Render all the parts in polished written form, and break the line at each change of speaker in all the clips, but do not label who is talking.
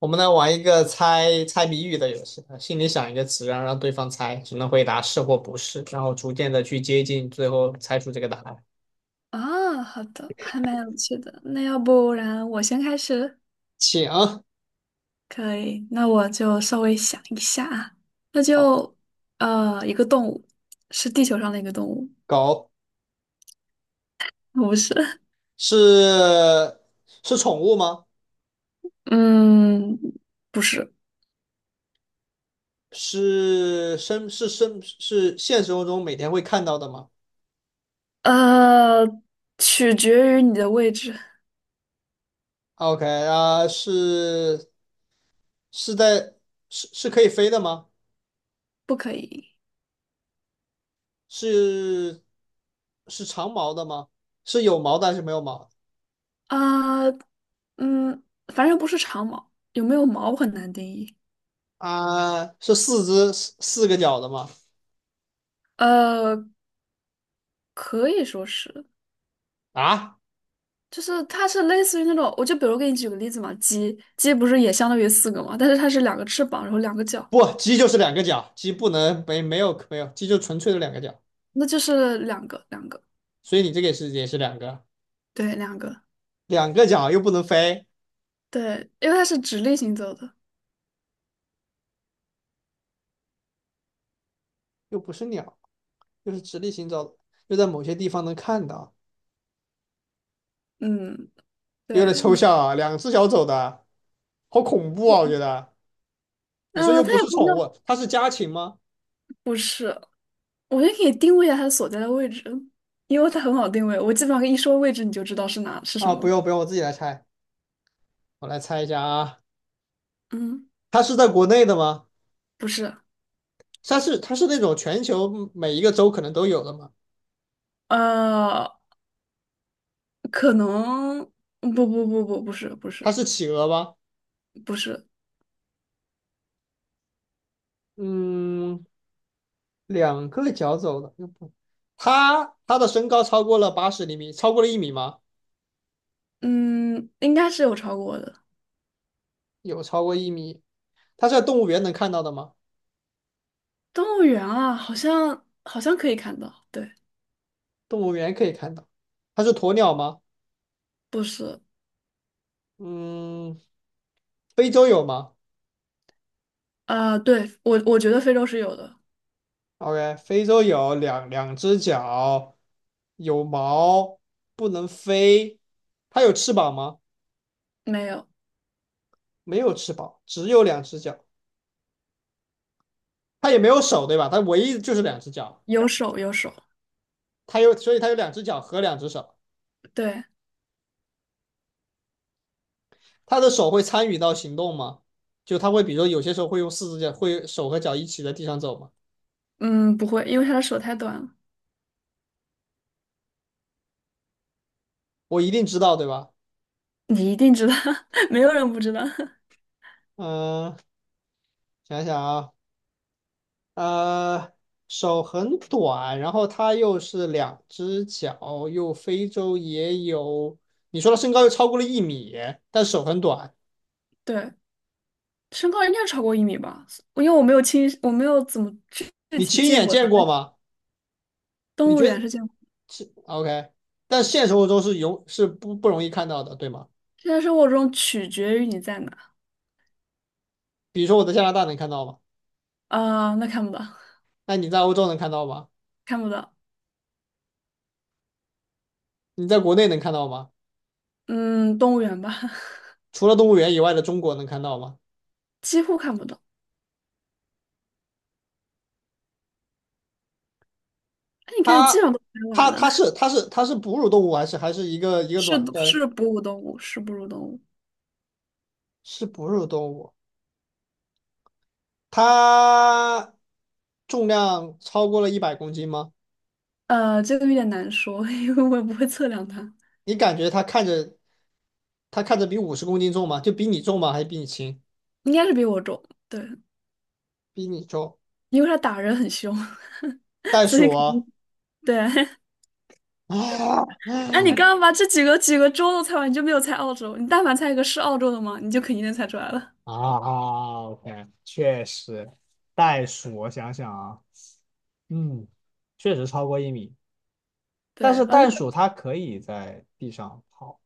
我们来玩一个猜猜谜语的游戏，心里想一个词，然后让对方猜，只能回答是或不是，然后逐渐的去接近，最后猜出这个答案。
啊，好的，还蛮有趣的。那要不然我先开始，
请，
可以？那我就稍微想一下啊，那就一个动物，是地球上的一个动物，
狗。
不是？
是。是宠物吗？
嗯，不是。
是生是生是现实生活中每天会看到的吗
呃，取决于你的位置，
？OK 啊，是。是在是可以飞的吗？
不可以。
是是长毛的吗？是有毛的还是没有毛的
啊，嗯，反正不是长毛，有没有毛很难定义。
啊，是四只四四个脚的吗？
呃，可以说是。
啊，
就是它是类似于那种，我就比如给你举个例子嘛，鸡不是也相当于四个嘛，但是它是两个翅膀，然后两个脚，
不，鸡就是两个脚，鸡不能没有，鸡就纯粹的两个脚，
那就是两个，
所以你这个也是两个，
对，两个，
两个脚又不能飞，
对，因为它是直立行走的，
又不是鸟，又是直立行走的，又在某些地方能看到，
嗯，
有
对
点抽
你，
象啊，两只脚走的，好恐怖啊，我觉得。你说又
它
不是
也不
宠
叫，
物，它是家禽吗？
不是，我觉得可以定位一下它所在的位置，因为它很好定位，我基本上一说位置你就知道是哪是什
啊，不
么，
用，不用，我自己来猜，我来猜一下啊，
嗯，
它是在国内的吗？
不是，
它是那种全球每一个州可能都有的吗？
呃，可能不不不不不是不
它
是
是企鹅吗？
不是，
嗯，两个脚走的，又不，他的身高超过了80厘米，超过了一米吗？
嗯，应该是有超过的。
有超过一米。他是在动物园能看到的吗？
动物园啊，好像可以看到，对，
动物园可以看到。他是鸵鸟吗？
不是。
嗯，非洲有吗
啊、对，我觉得非洲是有的，
？OK，非洲有两只脚，有毛，不能飞。它有翅膀吗？
没有，
没有翅膀，只有两只脚。它也没有手，对吧？它唯一就是两只脚。
有手有手，
它有，所以它有两只脚和两只手。
对，
他的手会参与到行动吗？就他会，比如说有些时候会用四只脚，会手和脚一起在地上走吗？
嗯，不会，因为他的手太短了，
我一定知道，对吧？
你一定知道，没有人不知道，
嗯，想想啊，呃，手很短，然后他又是两只脚，又非洲也有。你说他身高又超过了一米，但手很短，
对，身高应该超过一米吧，因为我没有怎么具具
你
体
亲
见
眼
过
见
他，但
过
是
吗？你
动物
觉
园
得
是见过，
是 OK？但现实生活中是有是不容易看到的，对吗？
现在生活中取决于你在哪，
比如说我在加拿大能看到吗？
啊、那看不到，
那你在欧洲能看到吗？
看不到，
你在国内能看到吗？
嗯，动物园吧，
除了动物园以外的中国能看到吗？
几乎看不到，哎，你看，你基
它
本上都拍完
它它
了。
是它是它是哺乳动物还是一个
是
卵生？
是哺乳动物，是哺乳动物。
是哺乳动物，它重量超过了100公斤吗？
这个有点难说，因为我也不会测量它，
你感觉它看着比50公斤重吗？就比你重吗？还是比你轻？
应该是比我重。对，
比你重。
因为它打人很凶，
袋
所以
鼠
肯
啊。
定对。哎，你刚
嗯。
刚把这几个州都猜完，你就没有猜澳洲。你但凡猜一个是澳洲的嘛，你就肯定能猜出来了。
啊啊，OK，确实，袋鼠，我想想啊，嗯，确实超过一米。但是
对，而
袋
且它
鼠它可以在地上跑。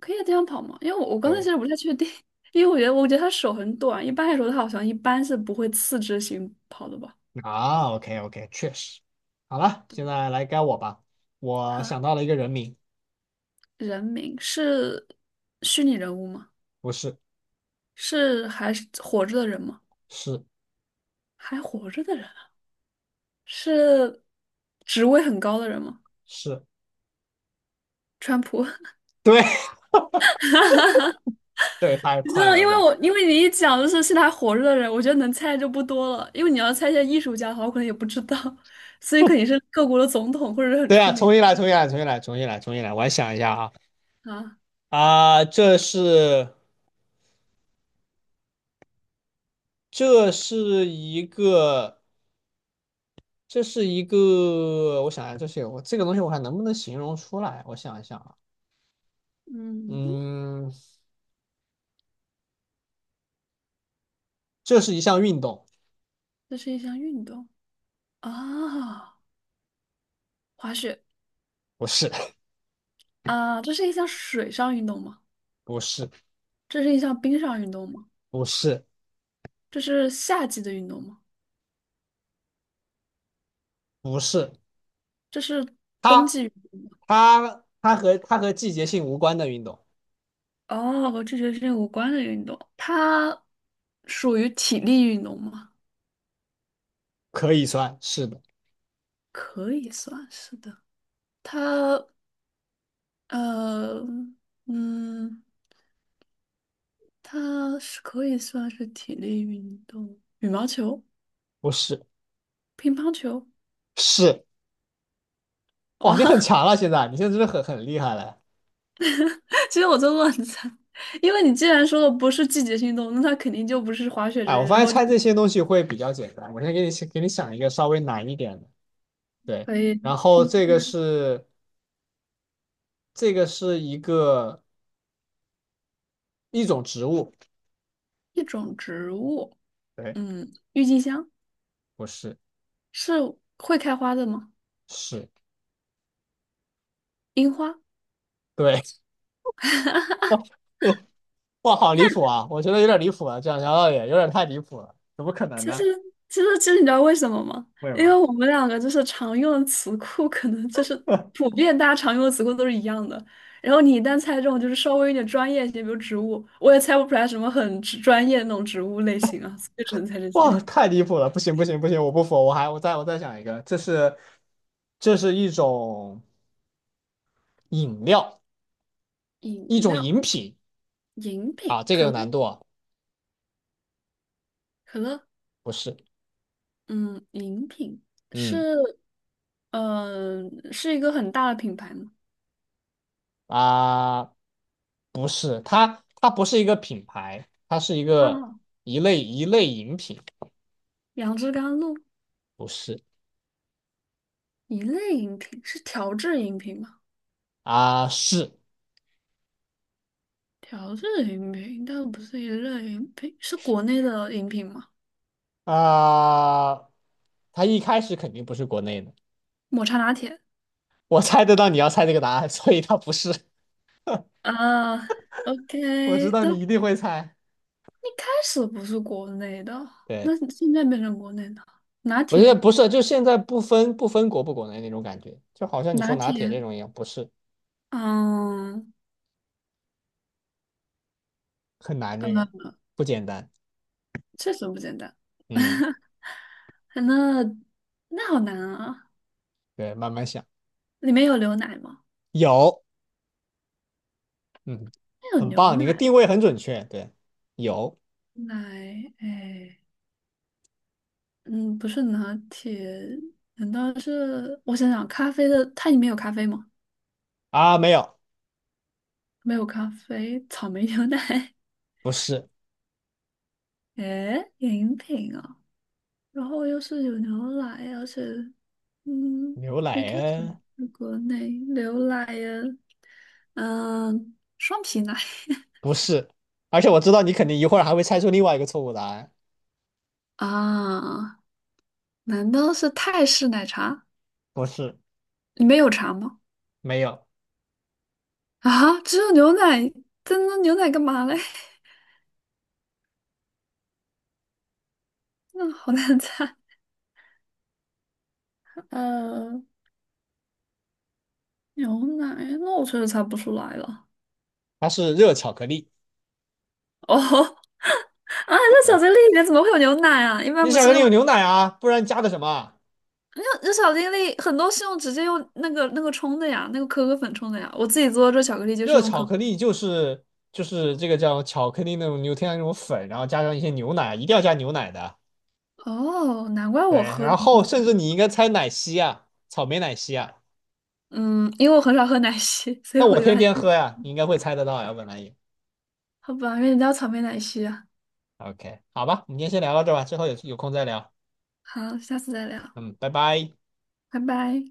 可以在地上跑嘛，因为我刚才其
对
实不太确定，因为我觉得它手很短，一般来说它好像一般是不会四肢行跑的吧。
啊，OK OK，确实。好了，现在来该我吧。我
哈，
想到了一个人名，
人名是虚拟人物吗？
不是，
是还是活着的人吗？
是，
还活着的人啊。是职位很高的人吗？
是，
川普，
对。 对，太
你知
快
道，
了
因为
吧？
你一讲就是现在还活着的人，我觉得能猜就不多了。因为你要猜一些艺术家的话，我可能也不知道，所以肯定是各国的总统或者是很
对啊，
出名
重新来，重新来，重新来，重新来，重新来。我来想一下啊。
的啊。
啊，这是一个这是一个，我想一下，这是我这个东西我还能不能形容出来？我想一想啊，
嗯，
嗯，这是一项运动，
这是一项运动啊，滑雪
不是。
啊，这是一项水上运动吗？
不是，
这是一项冰上运动吗？
不是，
这是夏季的运动吗？
不是，
这是冬
它
季运动吗？
它和季节性无关的运动
哦，和这学期无关的运动，它属于体力运动吗？
可以算是的，
可以算是的。它呃嗯，它是可以算是体力运动。羽毛球、
不是，
乒乓球，
是。
哇，
哇，你很强了，现在你现在真的很厉害了。
其实我在乱猜，因为你既然说的不是季节性运动，那它肯定就不是滑雪
哎，
之类
我
的，
发
然
现
后就
猜这些东西会比较简单，我先给你想一个稍微难一点的，对，
可以
然后
听
这个是一种植物，
一种植物，
对，
嗯，郁金香
不是，
是会开花的吗？
是，
樱花。
对。哇，好离谱啊，我觉得有点离谱了，这样聊到也有点太离谱了，怎么可能
其实，
呢？
其实你知道为什么吗？
为什
因为
么？
我们两个就是常用的词库，可能就是 普遍大家常用的词库都是一样的。然后你一旦猜中，就是稍微有点专业一些，比如植物，我也猜不出来什么很植专业的那种植物类型啊，所以只能猜这些。
哇，太离谱了！不行，不行，不行，我不服，我再想一个，这是这是一种饮料，
饮
一种
料、
饮品。
饮
啊，
品、
这个
可
有
乐、
难度啊，
可乐，
不是，
嗯，饮品是，
嗯。
嗯、是一个很大的品牌吗？
啊，不是，它它不是一个品牌，它是一个
啊，
一类饮品，
杨枝甘露，
不是
一类饮品是调制饮品吗？
啊，是
调制饮品，但不是一类饮品，是国内的饮品吗？
啊，它一开始肯定不是国内的，
抹茶拿铁
我猜得到你要猜这个答案，所以它不是，
啊
我知
，OK，
道
那
你一
一
定会猜，
开始不是国内的，
对。
那现在变成国内的拿
我觉得
铁，
不是，就现在不分国不国内那种感觉，就好像你说
拿
拿铁
铁，
这种一样，不是
嗯，
很难，这个
呃，
不简单。
确实不简单。
嗯，
那那好难啊！
对，慢慢想，
里面有牛奶吗？
有，嗯，
那有
很
牛
棒，你的
奶，
定位很准确。对，有
奶，哎，嗯，不是拿铁，难道是？我想想，咖啡的，它里面有咖啡吗？
啊，没有，
没有咖啡，草莓牛奶，
不是
诶，饮品啊，然后又是有牛奶，而且，嗯，
牛
一
奶
开始
啊，
是国内牛奶呀，嗯，双皮奶
不是，而且我知道你肯定一会儿还会猜出另外一个错误答案，
啊，难道是泰式奶茶？
不是，
里面有茶吗？
没有，
啊，只有牛奶，真的牛奶干嘛嘞？那好难猜，呃，牛奶，那我确实猜不出来了。
它是热巧克力。
哦，啊，在小
对，
力里面怎么会有牛奶啊？一般
你
不
巧
是
克力
用。
有牛奶啊，不然加的什么啊。
那这小精灵很多是直接用那个冲的呀，那个可可粉冲的呀。我自己做的这巧克力就是
热
用
巧
可可
克力就是这个叫巧克力那种牛天然那种粉，然后加上一些牛奶，一定要加牛奶的。
哦，难怪
对，
我喝
然
的
后甚至你应该猜奶昔啊，草莓奶昔啊。
嗯，因为我很少喝奶昔，所以
那
我
我
以为
天
还
天
真是
喝呀，你应该会猜得到呀，本来也。
好吧，原来叫草莓奶昔啊。
OK，好吧，我们今天先聊到这吧，之后有空再聊。
好，下次再聊，
嗯，拜拜。
拜拜。